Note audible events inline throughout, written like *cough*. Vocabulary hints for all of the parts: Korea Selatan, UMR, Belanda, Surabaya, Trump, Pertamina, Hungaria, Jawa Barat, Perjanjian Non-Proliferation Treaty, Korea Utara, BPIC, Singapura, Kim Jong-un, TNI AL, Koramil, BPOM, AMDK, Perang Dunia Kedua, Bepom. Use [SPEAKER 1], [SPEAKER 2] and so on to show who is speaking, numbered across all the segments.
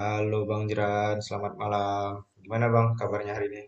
[SPEAKER 1] Halo Bang Jeran, selamat malam. Gimana Bang kabarnya hari ini?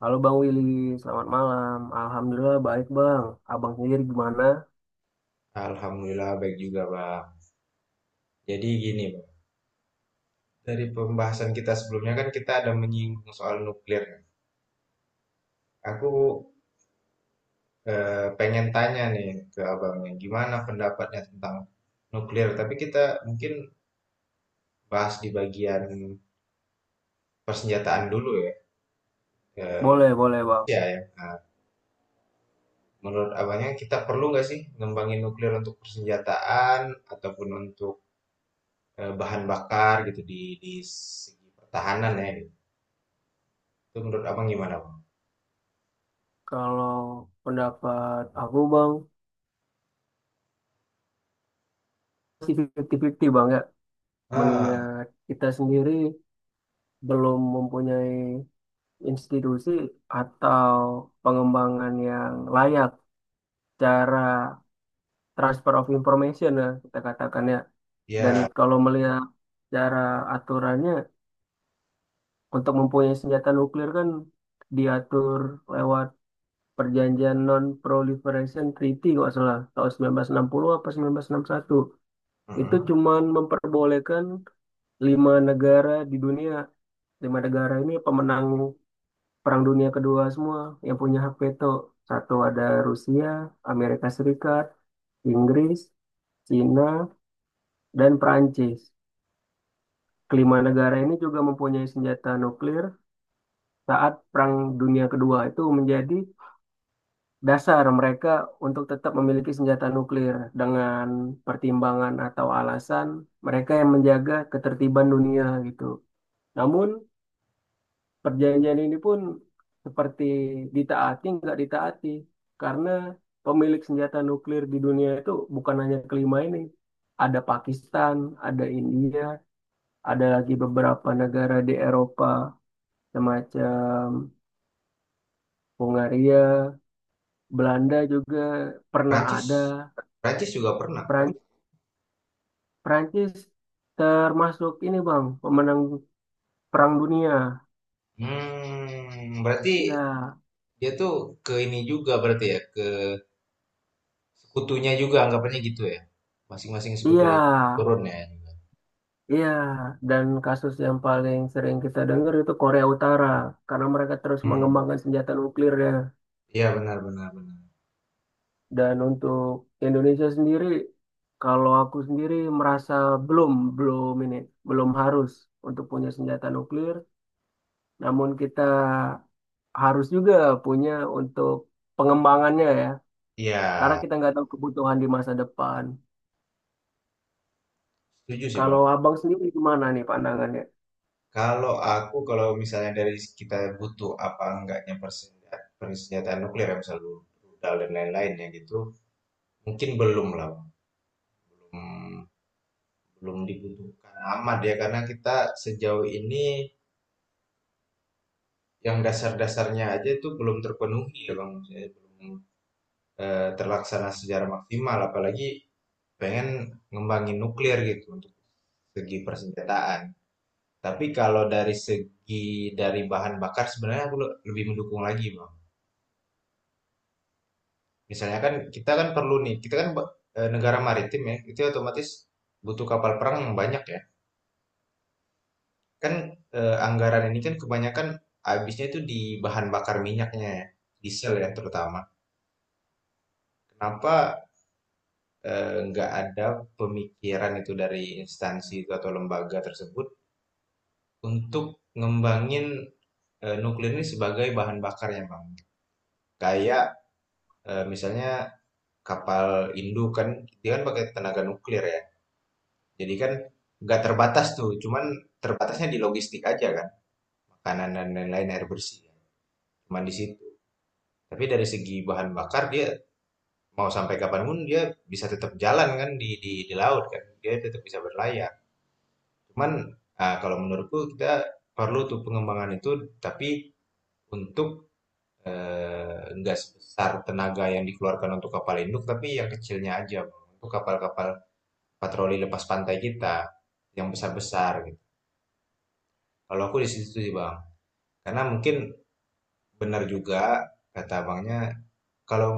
[SPEAKER 2] Halo Bang Willy, selamat malam. Alhamdulillah baik Bang. Abang sendiri gimana?
[SPEAKER 1] Alhamdulillah baik juga Bang. Jadi gini Bang, dari pembahasan kita sebelumnya kan kita ada menyinggung soal nuklir. Kan? Aku pengen tanya nih ke Abangnya, gimana pendapatnya tentang nuklir? Tapi kita mungkin bahas di bagian persenjataan dulu ya. Eh,
[SPEAKER 2] Boleh, boleh Bang.
[SPEAKER 1] Ya, ya. Nah, menurut Abangnya kita perlu nggak sih ngembangin nuklir untuk persenjataan ataupun untuk bahan bakar gitu di segi pertahanan ya gitu. Itu menurut abang gimana bang?
[SPEAKER 2] Kalau pendapat aku Bang, masih 50-50 Bang ya.
[SPEAKER 1] Ah,
[SPEAKER 2] Mengingat kita sendiri belum mempunyai institusi atau pengembangan yang layak cara transfer of information ya, kita katakan ya. Dan
[SPEAKER 1] ya,
[SPEAKER 2] kalau melihat cara aturannya, untuk mempunyai senjata nuklir kan diatur lewat Perjanjian Non-Proliferation Treaty kalau salah tahun 1960 apa 1961. Itu
[SPEAKER 1] mm-mm.
[SPEAKER 2] cuman memperbolehkan lima negara di dunia, lima negara ini pemenang Perang Dunia Kedua semua yang punya hak veto. Satu ada Rusia, Amerika Serikat, Inggris, Cina, dan Perancis. Kelima negara ini juga mempunyai senjata nuklir saat Perang Dunia Kedua, itu menjadi dasar mereka untuk tetap memiliki senjata nuklir dengan pertimbangan atau alasan mereka yang menjaga ketertiban dunia gitu. Namun perjanjian ini pun seperti ditaati nggak ditaati, karena pemilik senjata nuklir di dunia itu bukan hanya kelima ini. Ada Pakistan, ada India, ada lagi beberapa negara di Eropa semacam Hungaria, Belanda juga pernah
[SPEAKER 1] Prancis,
[SPEAKER 2] ada.
[SPEAKER 1] Prancis juga pernah.
[SPEAKER 2] Prancis termasuk ini Bang, pemenang Perang Dunia.
[SPEAKER 1] Hmm, berarti
[SPEAKER 2] Iya,
[SPEAKER 1] dia tuh ke ini juga berarti ya ke sekutunya juga anggapannya gitu ya. Masing-masing
[SPEAKER 2] iya,
[SPEAKER 1] sekutunya turun ya juga.
[SPEAKER 2] iya. Dan kasus yang paling sering kita dengar itu Korea Utara, karena mereka terus
[SPEAKER 1] Hmm,
[SPEAKER 2] mengembangkan senjata nuklirnya.
[SPEAKER 1] iya benar benar benar.
[SPEAKER 2] Dan untuk Indonesia sendiri, kalau aku sendiri merasa belum, belum ini, belum harus untuk punya senjata nuklir, namun kita harus juga punya untuk pengembangannya ya,
[SPEAKER 1] Iya,
[SPEAKER 2] karena kita nggak tahu kebutuhan di masa depan.
[SPEAKER 1] setuju sih bang.
[SPEAKER 2] Kalau abang sendiri gimana nih pandangannya?
[SPEAKER 1] Kalau aku kalau misalnya dari kita butuh apa enggaknya persenjataan, persenjataan nuklir ya misalnya rudal dan lain-lain ya gitu, mungkin belum lah. Mmm, belum dibutuhkan amat ya, karena kita sejauh ini yang dasar-dasarnya aja itu belum terpenuhi ya Bang, maksudnya belum, terlaksana secara maksimal, apalagi pengen ngembangin nuklir gitu untuk segi persenjataan. Tapi kalau dari segi dari bahan bakar sebenarnya aku lebih mendukung lagi Bang. Misalnya kan kita kan perlu nih, kita kan negara maritim ya, itu otomatis butuh kapal perang yang banyak ya. Kan anggaran ini kan kebanyakan habisnya itu di bahan bakar minyaknya ya, diesel ya terutama. Kenapa nggak ada pemikiran itu dari instansi itu atau lembaga tersebut untuk ngembangin nuklir ini sebagai bahan bakar ya Bang? Kayak misalnya kapal induk kan dia kan pakai tenaga nuklir ya. Jadi kan nggak terbatas tuh, cuman terbatasnya di logistik aja kan, makanan dan lain-lain air bersih. Ya. Cuman di situ. Tapi dari segi bahan bakar dia mau sampai kapanpun dia bisa tetap jalan kan di laut kan dia tetap bisa berlayar cuman ah, kalau menurutku kita perlu tuh pengembangan itu tapi untuk enggak sebesar tenaga yang dikeluarkan untuk kapal induk tapi yang kecilnya aja untuk kapal-kapal patroli lepas pantai kita yang besar-besar gitu kalau aku di situ sih bang karena mungkin benar juga kata abangnya kalau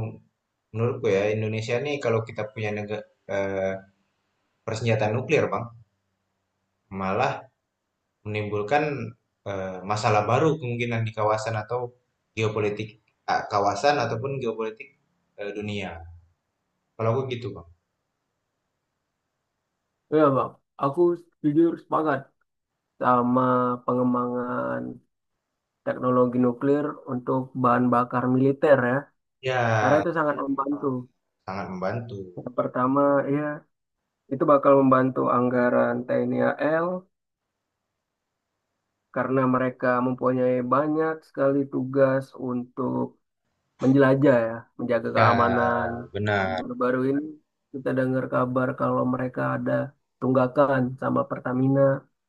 [SPEAKER 1] menurutku ya Indonesia nih kalau kita punya persenjataan nuklir bang malah menimbulkan masalah baru kemungkinan di kawasan atau geopolitik ah, kawasan ataupun geopolitik dunia. Kalau aku gitu, Bang.
[SPEAKER 2] Iya bang, aku jujur sepakat sama pengembangan teknologi nuklir untuk bahan bakar militer ya, karena
[SPEAKER 1] Ya,
[SPEAKER 2] itu sangat membantu.
[SPEAKER 1] sangat membantu.
[SPEAKER 2] Yang pertama, ya itu bakal membantu anggaran TNI AL karena mereka mempunyai banyak sekali tugas untuk menjelajah ya, menjaga keamanan.
[SPEAKER 1] Ya,
[SPEAKER 2] Dan
[SPEAKER 1] benar.
[SPEAKER 2] baru-baru ini kita dengar kabar kalau mereka ada tunggakan sama Pertamina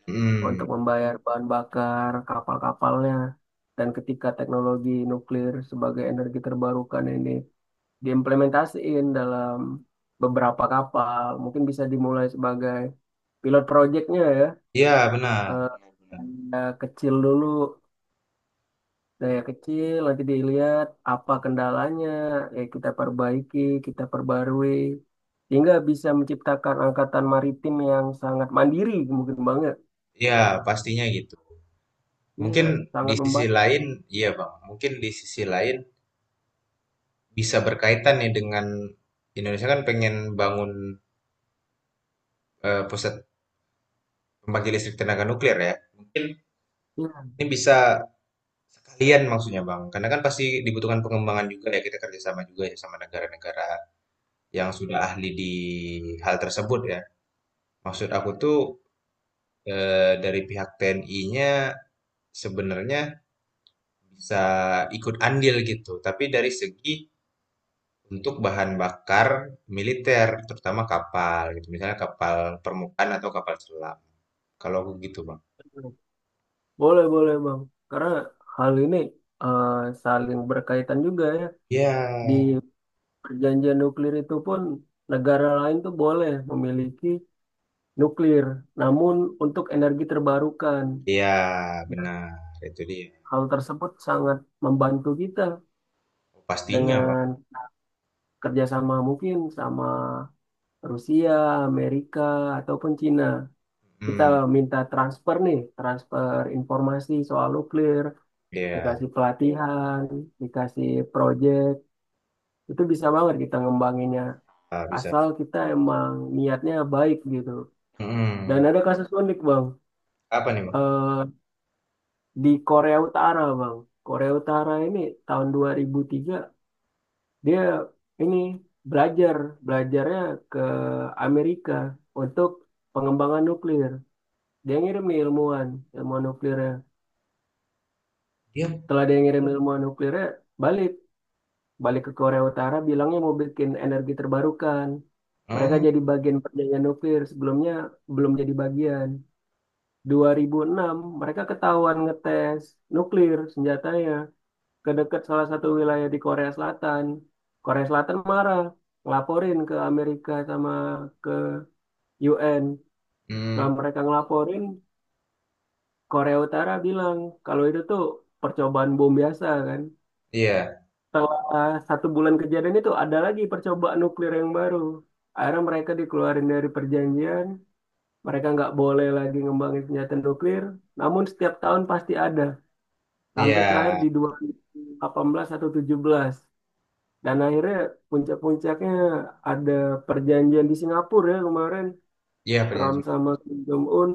[SPEAKER 1] Hmm,
[SPEAKER 2] untuk membayar bahan bakar kapal-kapalnya. Dan ketika teknologi nuklir sebagai energi terbarukan ini diimplementasiin dalam beberapa kapal, mungkin bisa dimulai sebagai pilot projectnya ya.
[SPEAKER 1] ya benar.
[SPEAKER 2] Eh, Daya kecil dulu, daya kecil, nanti dilihat apa kendalanya, ya kita perbaiki, kita perbarui, sehingga bisa menciptakan angkatan maritim yang sangat mandiri, mungkin banget.
[SPEAKER 1] Ya, pastinya gitu.
[SPEAKER 2] Iya,
[SPEAKER 1] Mungkin di
[SPEAKER 2] sangat
[SPEAKER 1] sisi
[SPEAKER 2] membantu.
[SPEAKER 1] lain, iya Bang. Mungkin di sisi lain bisa berkaitan nih dengan Indonesia kan pengen bangun pusat pembangkit listrik tenaga nuklir ya. Mungkin
[SPEAKER 2] Iya.
[SPEAKER 1] ini bisa sekalian maksudnya Bang, karena kan pasti dibutuhkan pengembangan juga ya kita kerjasama juga ya sama negara-negara yang sudah ahli di hal tersebut ya. Maksud aku tuh dari pihak TNI-nya sebenarnya bisa ikut andil gitu, tapi dari segi untuk bahan bakar militer, terutama kapal gitu, misalnya kapal permukaan atau kapal selam. Kalau aku gitu Bang.
[SPEAKER 2] Boleh, boleh Bang. Karena hal ini eh, saling berkaitan juga ya. Di
[SPEAKER 1] Ya,
[SPEAKER 2] perjanjian nuklir itu pun negara lain tuh boleh memiliki nuklir, namun untuk energi terbarukan.
[SPEAKER 1] ya
[SPEAKER 2] Dan
[SPEAKER 1] benar itu dia.
[SPEAKER 2] hal tersebut sangat membantu kita
[SPEAKER 1] Pastinya Bang.
[SPEAKER 2] dengan kerjasama mungkin sama Rusia, Amerika, ataupun Cina. Kita
[SPEAKER 1] Hmm,
[SPEAKER 2] minta transfer informasi soal nuklir,
[SPEAKER 1] ya
[SPEAKER 2] dikasih pelatihan, dikasih proyek, itu bisa banget kita ngembanginnya
[SPEAKER 1] bisa.
[SPEAKER 2] asal kita emang niatnya baik gitu. Dan
[SPEAKER 1] Mm-mm.
[SPEAKER 2] ada kasus unik bang.
[SPEAKER 1] Apa nih Bang?
[SPEAKER 2] Eh, di Korea Utara bang, Korea Utara ini tahun 2003 dia ini belajar belajarnya ke Amerika untuk pengembangan nuklir. Dia ngirim nih ilmuwan ilmuwan nuklirnya.
[SPEAKER 1] Iya.
[SPEAKER 2] Setelah dia ngirim ilmuwan nuklirnya, balik balik ke Korea Utara bilangnya mau bikin energi terbarukan.
[SPEAKER 1] Oh,
[SPEAKER 2] Mereka
[SPEAKER 1] hmm,
[SPEAKER 2] jadi bagian perjanjian nuklir, sebelumnya belum jadi bagian. 2006 mereka ketahuan ngetes nuklir senjatanya ke dekat salah satu wilayah di Korea Selatan. Korea Selatan marah, ngelaporin ke Amerika sama ke UN. Setelah
[SPEAKER 1] mmm,
[SPEAKER 2] mereka ngelaporin, Korea Utara bilang kalau itu tuh percobaan bom biasa kan.
[SPEAKER 1] iya
[SPEAKER 2] Setelah satu bulan kejadian itu ada lagi percobaan nuklir yang baru. Akhirnya mereka dikeluarin dari perjanjian, mereka nggak boleh lagi ngembangin senjata nuklir, namun setiap tahun pasti ada, sampai terakhir
[SPEAKER 1] iya
[SPEAKER 2] di 2018 atau 17. Dan akhirnya puncak-puncaknya ada perjanjian di Singapura ya kemarin,
[SPEAKER 1] iya
[SPEAKER 2] Trump
[SPEAKER 1] perjanjian.
[SPEAKER 2] sama Kim Jong-un,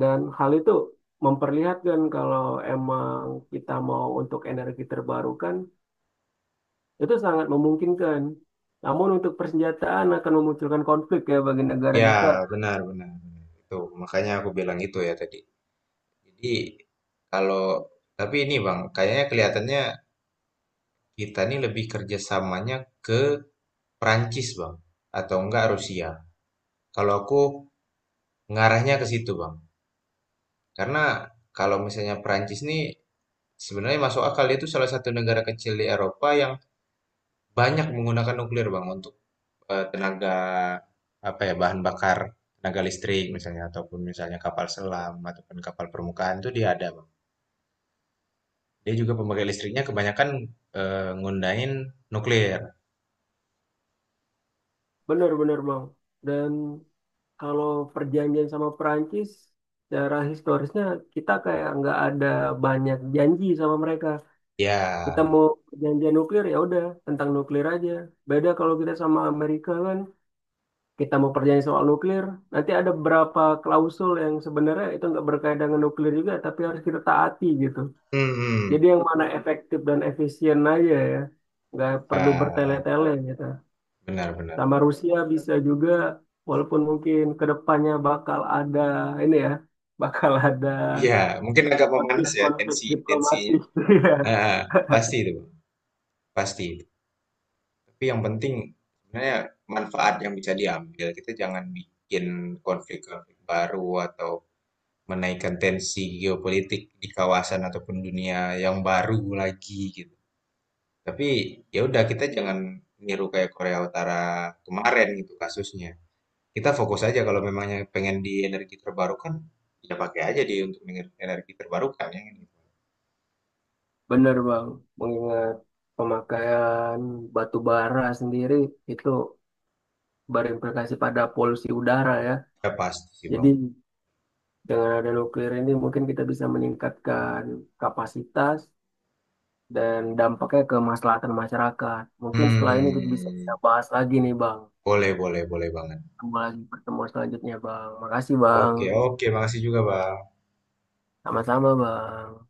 [SPEAKER 2] dan hal itu memperlihatkan kalau emang kita mau untuk energi terbarukan, itu sangat memungkinkan. Namun untuk persenjataan akan memunculkan konflik ya bagi negara
[SPEAKER 1] Iya
[SPEAKER 2] kita.
[SPEAKER 1] benar benar benar, itu makanya aku bilang itu ya tadi. Jadi kalau tapi ini Bang, kayaknya kelihatannya kita nih lebih kerjasamanya ke Perancis Bang, atau enggak Rusia. Kalau aku ngarahnya ke situ Bang, karena kalau misalnya Perancis nih sebenarnya masuk akal, dia itu salah satu negara kecil di Eropa yang banyak menggunakan nuklir Bang untuk tenaga apa ya bahan bakar tenaga listrik misalnya ataupun misalnya kapal selam ataupun kapal permukaan itu dia ada bang. Dia juga pemakai listriknya kebanyakan ngundahin nuklir.
[SPEAKER 2] Benar-benar Bang. Dan kalau perjanjian sama Perancis, secara historisnya kita kayak nggak ada banyak janji sama mereka. Kita
[SPEAKER 1] Ya,
[SPEAKER 2] mau perjanjian nuklir ya udah tentang nuklir aja. Beda kalau kita sama Amerika kan, kita mau perjanjian soal nuklir, nanti ada beberapa klausul yang sebenarnya itu nggak berkaitan dengan nuklir juga, tapi harus kita taati gitu.
[SPEAKER 1] hmm,
[SPEAKER 2] Jadi
[SPEAKER 1] hmm.
[SPEAKER 2] yang mana efektif dan efisien aja ya. Nggak perlu
[SPEAKER 1] Ah,
[SPEAKER 2] bertele-tele gitu.
[SPEAKER 1] benar-benar.
[SPEAKER 2] Sama Rusia bisa juga, walaupun mungkin kedepannya bakal ada ini ya, *laughs* bakal ada
[SPEAKER 1] Ya, mungkin agak memanas ya
[SPEAKER 2] konflik-konflik
[SPEAKER 1] tensi tensinya.
[SPEAKER 2] diplomatik. *laughs* Iya.
[SPEAKER 1] Ah, pasti itu bang, pasti. Tapi yang penting sebenarnya manfaat yang bisa diambil kita jangan bikin konflik-konflik baru atau menaikkan tensi geopolitik di kawasan ataupun dunia yang baru lagi gitu. Tapi ya udah kita jangan niru kayak Korea Utara kemarin gitu kasusnya. Kita fokus aja kalau memangnya pengen di energi terbarukan, ya pakai aja di untuk energi terbarukan ya. Gitu.
[SPEAKER 2] Bener Bang, mengingat pemakaian batu bara sendiri itu berimplikasi pada polusi udara ya.
[SPEAKER 1] Ya pasti sih Bang.
[SPEAKER 2] Jadi dengan ada nuklir ini mungkin kita bisa meningkatkan kapasitas dan dampaknya ke kemaslahatan masyarakat. Mungkin setelah ini kita bisa kita
[SPEAKER 1] Hmm,
[SPEAKER 2] bahas lagi nih, Bang.
[SPEAKER 1] boleh boleh boleh banget.
[SPEAKER 2] Ketemu lagi pertemuan selanjutnya, Bang. Makasih, Bang.
[SPEAKER 1] Oke oke, makasih juga Bang.
[SPEAKER 2] Sama-sama, Bang.